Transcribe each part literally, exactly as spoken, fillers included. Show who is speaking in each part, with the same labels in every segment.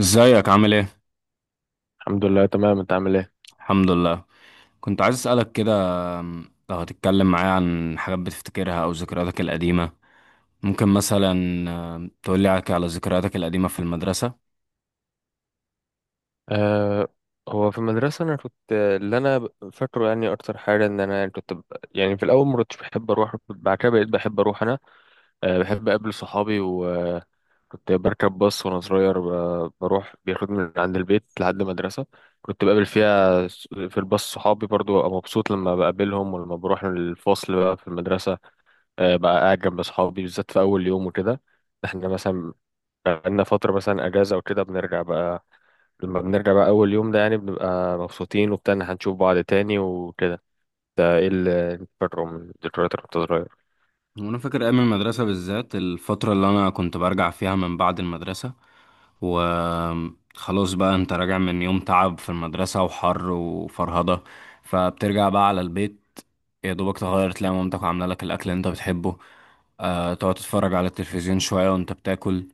Speaker 1: ازيك عامل ايه؟
Speaker 2: الحمد لله تمام. انت عامل ايه؟
Speaker 1: الحمد لله. كنت عايز اسألك كده. أم، لو هتتكلم معايا عن حاجات بتفتكرها او ذكرياتك القديمة، ممكن مثلا أم، تقولي على على ذكرياتك القديمة في المدرسة.
Speaker 2: أه، هو في المدرسه انا كنت اللي انا ب- فاكره، يعني اكتر حاجه ان انا يعني كنت ب... يعني في الاول ما كنتش بحب اروح، بعد كده بقيت بحب اروح انا. أه، بحب اقابل صحابي وكنت بركب باص وانا صغير، ب... بروح بياخدني من عند البيت لحد المدرسه. كنت بقابل فيها س- في الباص صحابي، برضو ابقى مبسوط لما بقابلهم، ولما بروح الفصل بقى في المدرسه. أه، بقى قاعد جنب صحابي بالذات في اول يوم وكده. احنا مثلا بقالنا فتره مثلا اجازه وكده بنرجع بقى. لما بنرجع بقى أول يوم ده يعني بنبقى مبسوطين وبتاع إن هنشوف بعض تاني وكده. ده إيه اللي بره من الذكريات اللي كنت صغير.
Speaker 1: وانا فاكر ايام المدرسه، بالذات الفتره اللي انا كنت برجع فيها من بعد المدرسه، وخلاص بقى انت راجع من يوم تعب في المدرسه وحر وفرهده، فبترجع بقى على البيت، يا دوبك تغير تلاقي مامتك عامله لك الاكل اللي انت بتحبه، أه تقعد تتفرج على التلفزيون شويه وانت بتاكل.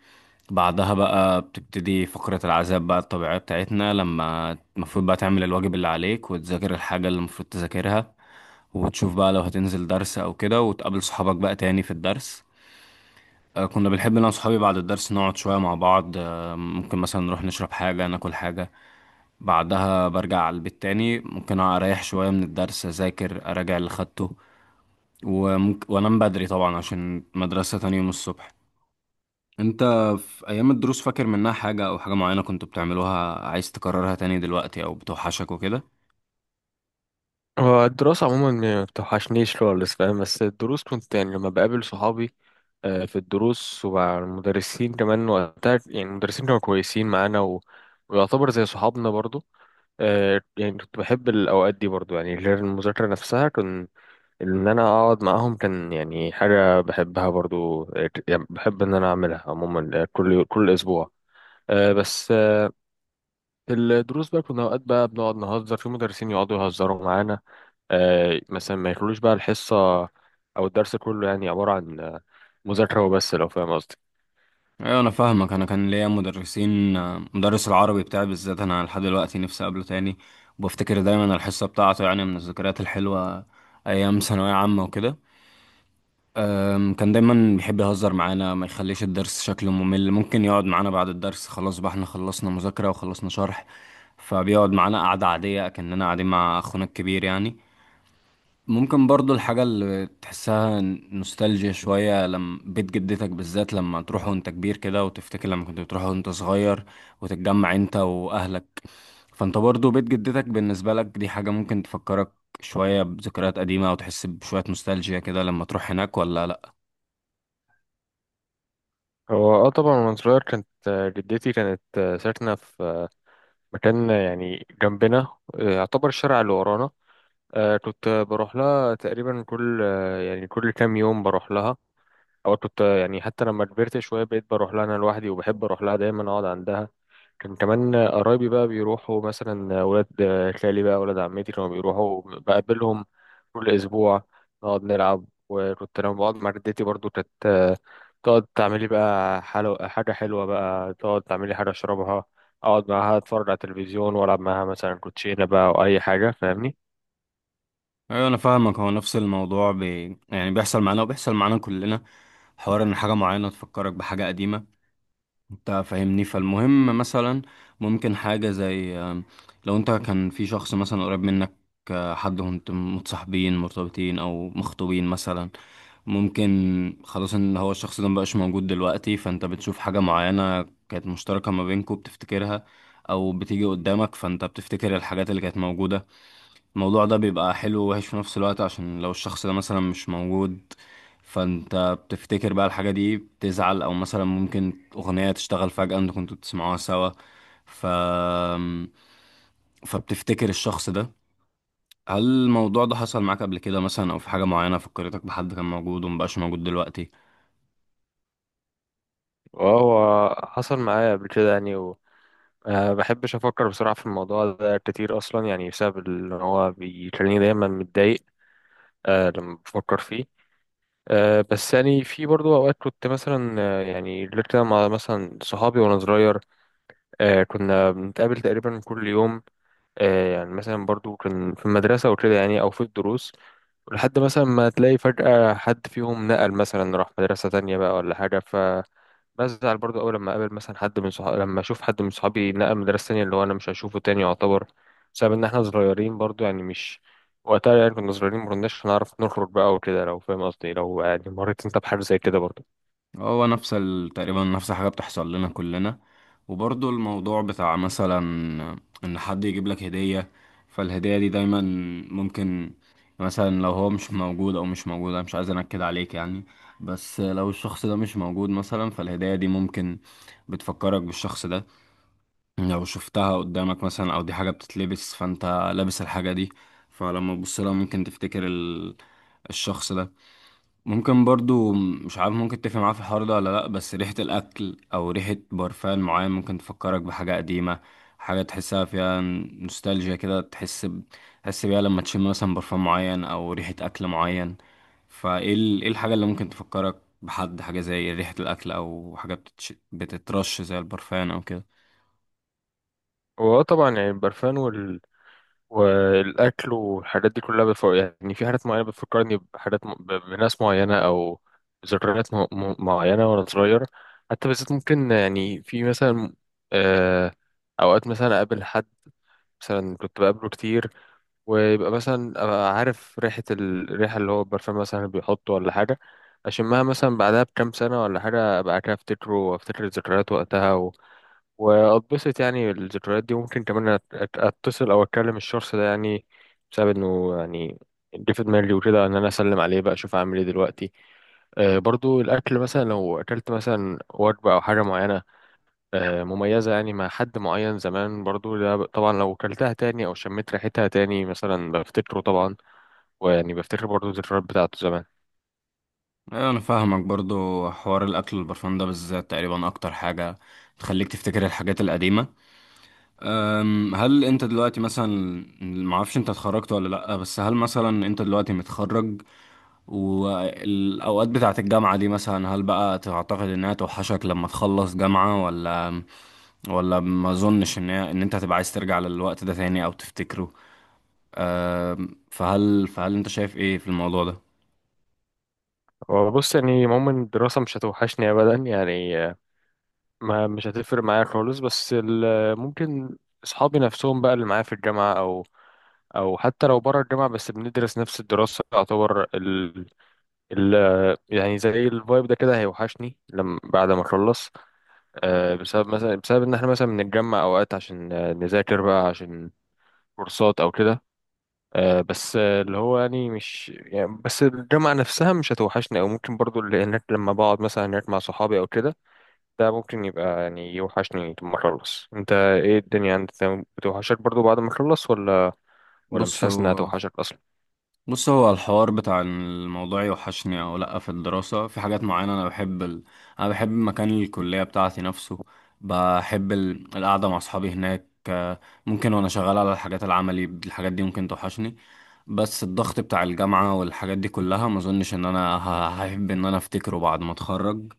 Speaker 1: بعدها بقى بتبتدي فقرة العذاب بقى الطبيعية بتاعتنا، لما المفروض بقى تعمل الواجب اللي عليك وتذاكر الحاجة اللي المفروض تذاكرها، وتشوف بقى لو هتنزل درس او كده وتقابل صحابك بقى تاني في الدرس. آه، كنا بنحب انا وصحابي بعد الدرس نقعد شوية مع بعض، آه، ممكن مثلا نروح نشرب حاجة ناكل حاجة. بعدها برجع على البيت تاني، ممكن اريح شوية من الدرس، اذاكر اراجع اللي خدته، وممكن وانام بدري طبعا عشان مدرسة تاني يوم الصبح. انت في ايام الدروس فاكر منها حاجة او حاجة معينة كنت بتعملوها عايز تكررها تاني دلوقتي او بتوحشك وكده؟
Speaker 2: هو الدراسة عموما ما بتوحشنيش خالص، فاهم؟ بس الدروس كنت يعني لما بقابل صحابي. آه، في الدروس ومع المدرسين كمان، وقتها يعني المدرسين كانوا كويسين معانا و... ويعتبر زي صحابنا برضو. آه، يعني كنت بحب الأوقات دي برضو، يعني غير المذاكرة نفسها كنت ان انا اقعد معاهم، كان يعني حاجه بحبها برضو. آه، يعني بحب ان انا اعملها عموما، آه، كل كل اسبوع. آه، بس آه، في الدروس بقى كنا اوقات بقى بنقعد نهزر، في مدرسين يقعدوا يهزروا معانا. آه، مثلا ما يخلوش بقى الحصه او الدرس كله، يعني عباره عن آه، مذاكره وبس، لو فاهم قصدي.
Speaker 1: ايوه انا فاهمك. انا كان ليا مدرسين، مدرس العربي بتاعي بالذات انا لحد دلوقتي نفسي اقابله تاني، وبفتكر دايما الحصه بتاعته، يعني من الذكريات الحلوه ايام ثانويه عامه وكده. أم، كان دايما بيحب يهزر معانا، ما يخليش الدرس شكله ممل، ممكن يقعد معانا بعد الدرس خلاص بقى احنا خلصنا مذاكره وخلصنا شرح، فبيقعد معانا قعده عاديه كأننا قاعدين مع اخونا الكبير يعني. ممكن برضو الحاجة اللي تحسها نوستالجيا شوية لما بيت جدتك، بالذات لما تروح وانت كبير كده وتفتكر لما كنت بتروح وانت صغير وتتجمع انت واهلك. فانت برضو بيت جدتك بالنسبة لك دي حاجة ممكن تفكرك شوية بذكريات قديمة او تحس بشوية نوستالجيا كده لما تروح هناك ولا لا؟
Speaker 2: هو اه طبعا وانا صغير كانت آه، جدتي كانت آه، ساكنه في آه، مكان آه، يعني جنبنا. آه، يعتبر الشارع اللي ورانا. آه، كنت بروح لها تقريبا كل آه، يعني كل كام يوم بروح لها. او كنت يعني حتى لما كبرت شويه بقيت بروح لها انا لوحدي، وبحب اروح لها دايما اقعد عندها. كان كمان قرايبي بقى بيروحوا، مثلا ولاد خالي بقى ولاد عمتي كانوا بيروحوا بقابلهم كل اسبوع. نقعد نلعب. وكنت لما بقعد مع جدتي برضو كانت تقعد تعملي بقى حلو حاجه حلوه، بقى تقعد تعملي حاجه اشربها، اقعد معاها اتفرج على التلفزيون والعب معاها مثلا كوتشينه بقى او اي حاجه، فاهمني.
Speaker 1: ايوه انا فاهمك. هو نفس الموضوع بي... يعني بيحصل معانا وبيحصل معانا كلنا، حوار ان حاجة معينة تفكرك بحاجة قديمة، انت فاهمني. فالمهم مثلا ممكن حاجة زي آم، لو انت كان في شخص مثلا قريب منك، آه، حد وانت متصاحبين مرتبطين او مخطوبين مثلا، ممكن خلاص ان هو الشخص ده مبقاش موجود دلوقتي، فانت بتشوف حاجة معينة كانت مشتركة ما بينكوا بتفتكرها، او بتيجي قدامك فانت بتفتكر الحاجات اللي كانت موجودة. الموضوع ده بيبقى حلو ووحش في نفس الوقت، عشان لو الشخص ده مثلا مش موجود، فانت بتفتكر بقى الحاجة دي بتزعل، او مثلا ممكن اغنية تشتغل فجأة انتوا كنتوا بتسمعوها سوا، ف فبتفتكر الشخص ده. هل الموضوع ده حصل معاك قبل كده مثلا، او في حاجة معينة فكرتك بحد كان موجود ومبقاش موجود دلوقتي؟
Speaker 2: وهو حصل معايا قبل كده يعني. أه، بحبش أفكر بسرعة في الموضوع ده كتير أصلا، يعني بسبب إن هو بيخليني دايما متضايق أه لما بفكر فيه. أه، بس يعني في برضو أوقات كنت مثلا، آه، يعني غير كده مع مثلا صحابي وأنا صغير. أه، كنا بنتقابل تقريبا كل يوم. أه، يعني مثلا برضو كان في المدرسة وكده يعني أو في الدروس، لحد مثلا ما تلاقي فجأة حد فيهم نقل مثلا راح مدرسة تانية بقى ولا حاجة. بزعل برضو أول لما أقابل مثلا حد من صحابي، لما أشوف حد من صحابي نقل مدرسة تانية، اللي هو أنا مش هشوفه تاني يعتبر، بسبب إن إحنا صغيرين برضو، يعني مش وقتها، يعني كنا صغيرين مكناش هنعرف نخرج بقى وكده، لو فاهم قصدي، لو يعني مريت أنت بحاجة زي كده برضو.
Speaker 1: هو نفس ال... تقريبا نفس الحاجة بتحصل لنا كلنا. وبرضو الموضوع بتاع مثلا إن حد يجيب لك هدية، فالهدية دي دايما ممكن مثلا، لو هو مش موجود، أو مش موجود، أنا مش عايز أنكد عليك يعني، بس لو الشخص ده مش موجود مثلا، فالهدية دي ممكن بتفكرك بالشخص ده. لو شفتها قدامك مثلا، أو دي حاجة بتتلبس فأنت لابس الحاجة دي، فلما تبص لها ممكن تفتكر ال... الشخص ده. ممكن برضو مش عارف ممكن تتفق معاه في الحوار ده ولا لأ، بس ريحة الأكل أو ريحة برفان معين ممكن تفكرك بحاجة قديمة، حاجة تحسها فيها نوستالجيا كده، تحس ب... تحس بيها لما تشم مثلا برفان معين أو ريحة أكل معين. فإيه ال... إيه الحاجة اللي ممكن تفكرك بحد، حاجة زي ريحة الأكل أو حاجة بتتش... بتترش زي البرفان أو كده؟
Speaker 2: وهو طبعا يعني البرفان وال... والأكل والحاجات دي كلها بتف... يعني في حاجات معينة بتفكرني بحاجات م... ب... بناس معينة، أو ذكريات م... م... معينة وأنا صغير. حتى بالذات ممكن يعني في مثلا آه... أوقات مثلا أقابل حد مثلا كنت بقابله كتير، ويبقى مثلا أبقى عارف ريحة ال- الريحة اللي هو البرفان مثلا اللي بيحطه ولا حاجة، أشمها مثلا بعدها بكام سنة ولا حاجة أبقى كده أفتكره وأفتكر الذكريات وقتها و... وأتبسط. يعني الذكريات دي ممكن كمان أت- أت- أتصل أو أتكلم الشخص ده يعني، بسبب إنه يعني جه في دماغي وكده إن أنا أسلم عليه بقى، أشوف أعمل إيه دلوقتي. آه، برضو الأكل مثلا، لو أكلت مثلا وجبة أو حاجة معينة آه، مميزة يعني مع حد معين زمان برضو، ده ب- طبعا لو كلتها تاني أو شميت ريحتها تاني مثلا بفتكره طبعا. ويعني بفتكر برضو الذكريات بتاعته زمان.
Speaker 1: أيوة أنا فاهمك. برضو حوار الأكل والبرفان ده بالذات تقريبا أكتر حاجة تخليك تفتكر الحاجات القديمة. أم، هل انت دلوقتي مثلا، معرفش انت اتخرجت ولا لأ، بس هل مثلا انت دلوقتي متخرج والاوقات بتاعت الجامعة دي مثلا، هل بقى تعتقد انها توحشك لما تخلص جامعة ولا ولا ما اظنش ان هي- ان انت هتبقى عايز ترجع للوقت ده تاني او تفتكره؟ أم، فهل فهل انت شايف ايه في الموضوع ده؟
Speaker 2: وبص، يعني عموما الدراسة مش هتوحشني أبدا يعني، آه، ما مش هتفرق معايا خالص، بس ال- ممكن أصحابي نفسهم بقى اللي معايا في الجامعة، أو او حتى لو بره الجامعه بس بندرس نفس الدراسه، يعتبر ال... ال... يعني زي الفايب ده كده هيوحشني لما بعد ما اخلص. آه، بسبب مثلا، بسبب ان احنا مثلا بنتجمع اوقات عشان آه، نذاكر بقى، عشان كورسات او كده. آه، بس آه، اللي هو يعني مش، يعني بس الجامعة نفسها مش هتوحشني، او ممكن برضو اللي هناك لما بقعد مثلا هناك مع صحابي او كده، ده ممكن يبقى يعني يوحشني لما اخلص. انت ايه الدنيا عندك، بتوحشك برضو بعد ما اخلص ولا؟ ولا مش
Speaker 1: بص
Speaker 2: حاسس انها
Speaker 1: هو
Speaker 2: توحشك اصلا؟
Speaker 1: بص هو الحوار بتاع إن الموضوع يوحشني او لا في الدراسة، في حاجات معينة انا بحب ال... انا بحب مكان الكلية بتاعتي نفسه، بحب ال... القعدة مع اصحابي هناك، آه، ممكن وانا شغال على الحاجات العملي، الحاجات دي ممكن توحشني. بس الضغط بتاع الجامعة والحاجات دي كلها ما اظنش ان انا ه- هحب ان انا افتكره بعد ما اتخرج،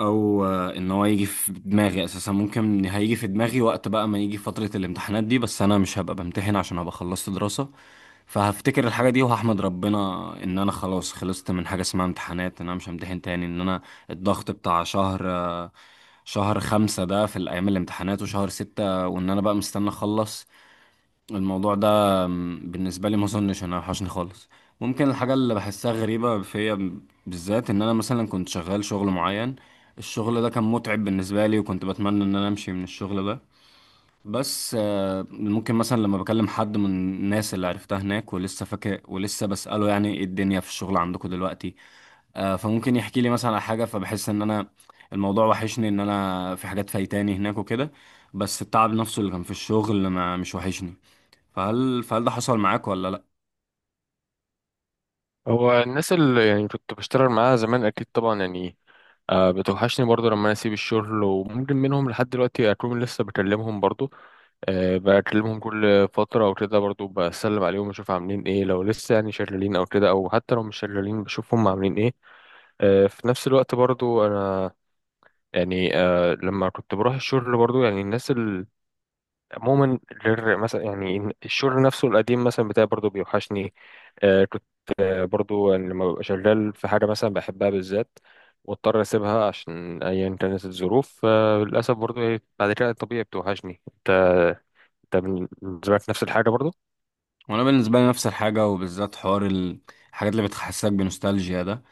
Speaker 1: او آه، ان هو يجي في دماغي اساسا. ممكن هيجي في دماغي وقت بقى ما يجي فترة الامتحانات دي، بس انا مش هبقى بمتحن عشان هبقى خلصت دراسة، فهفتكر الحاجة دي وهحمد ربنا ان انا خلاص خلصت من حاجة اسمها امتحانات، ان انا مش همتحن تاني، ان انا الضغط بتاع شهر آه، شهر خمسة ده في الايام الامتحانات وشهر ستة، وان انا بقى مستني اخلص الموضوع ده. م، بالنسبة لي ما اظنش انا وحشني خالص. ممكن الحاجة اللي بحسها غريبة فيا بالذات ان انا مثلا كنت شغال شغل معين، الشغل ده كان متعب بالنسبة لي وكنت بتمنى ان انا امشي من الشغل ده، بس آه، ممكن مثلا لما بكلم حد من الناس اللي عرفتها هناك ولسه فاكر ولسه بسأله يعني ايه الدنيا في الشغل عندكم دلوقتي، آه، فممكن يحكي لي مثلا على حاجة، فبحس ان انا الموضوع وحشني، ان انا في حاجات فايتاني هناك وكده، بس التعب نفسه اللي كان في الشغل ما مش وحشني. فهل فهل ده حصل معاك ولا لا؟
Speaker 2: هو الناس اللي يعني كنت بشتغل معاها زمان اكيد طبعا، يعني آه، بتوحشني برضو لما انا اسيب الشغل، وممكن منهم لحد دلوقتي اكون لسه بكلمهم برضو. أه، بكلمهم كل فترة أو كده، برضو بسلم عليهم أشوف عاملين إيه لو لسه يعني شغالين أو كده، أو حتى لو مش شغالين بشوف هم عاملين إيه. أه، في نفس الوقت برضو أنا يعني أه لما كنت بروح الشغل برضو، يعني الناس ال- عموما، غير مثلا يعني الشغل نفسه القديم مثلا بتاعي برضو بيوحشني. أه، كنت برضو يعني لما ببقى شغال في حاجة مثلا بحبها بالذات، واضطر أسيبها عشان أيا كانت الظروف، أه للأسف برضو إيه، بعد كده طبيعي بتوحشني. أنت، أنت بالنسبة لك نفس الحاجة برضو؟
Speaker 1: وانا بالنسبه لي نفس الحاجه، وبالذات حوار ال- الحاجات اللي بتحسسك بنوستالجيا ده.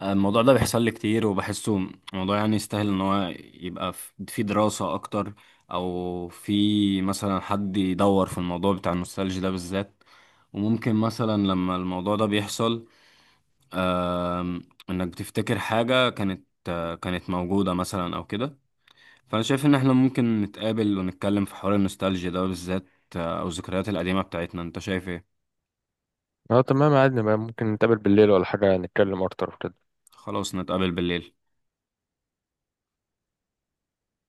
Speaker 1: آه، الموضوع ده بيحصل لي كتير، وبحسه موضوع يعني يستاهل ان هو يبقى في في دراسه اكتر، او في مثلا حد يدور في الموضوع بتاع النوستالجيا ده بالذات. وممكن مثلا لما الموضوع ده بيحصل، آم، انك بتفتكر حاجه كانت آه، كانت موجوده مثلا او كده. فانا شايف ان احنا ممكن نتقابل ونتكلم في حوار النوستالجيا ده بالذات، آه، او الذكريات القديمه بتاعتنا. انت شايف ايه؟
Speaker 2: اه، تمام، عادي بقى، ممكن نتقابل بالليل ولا حاجة نتكلم أكتر وكده.
Speaker 1: خلاص نتقابل بالليل.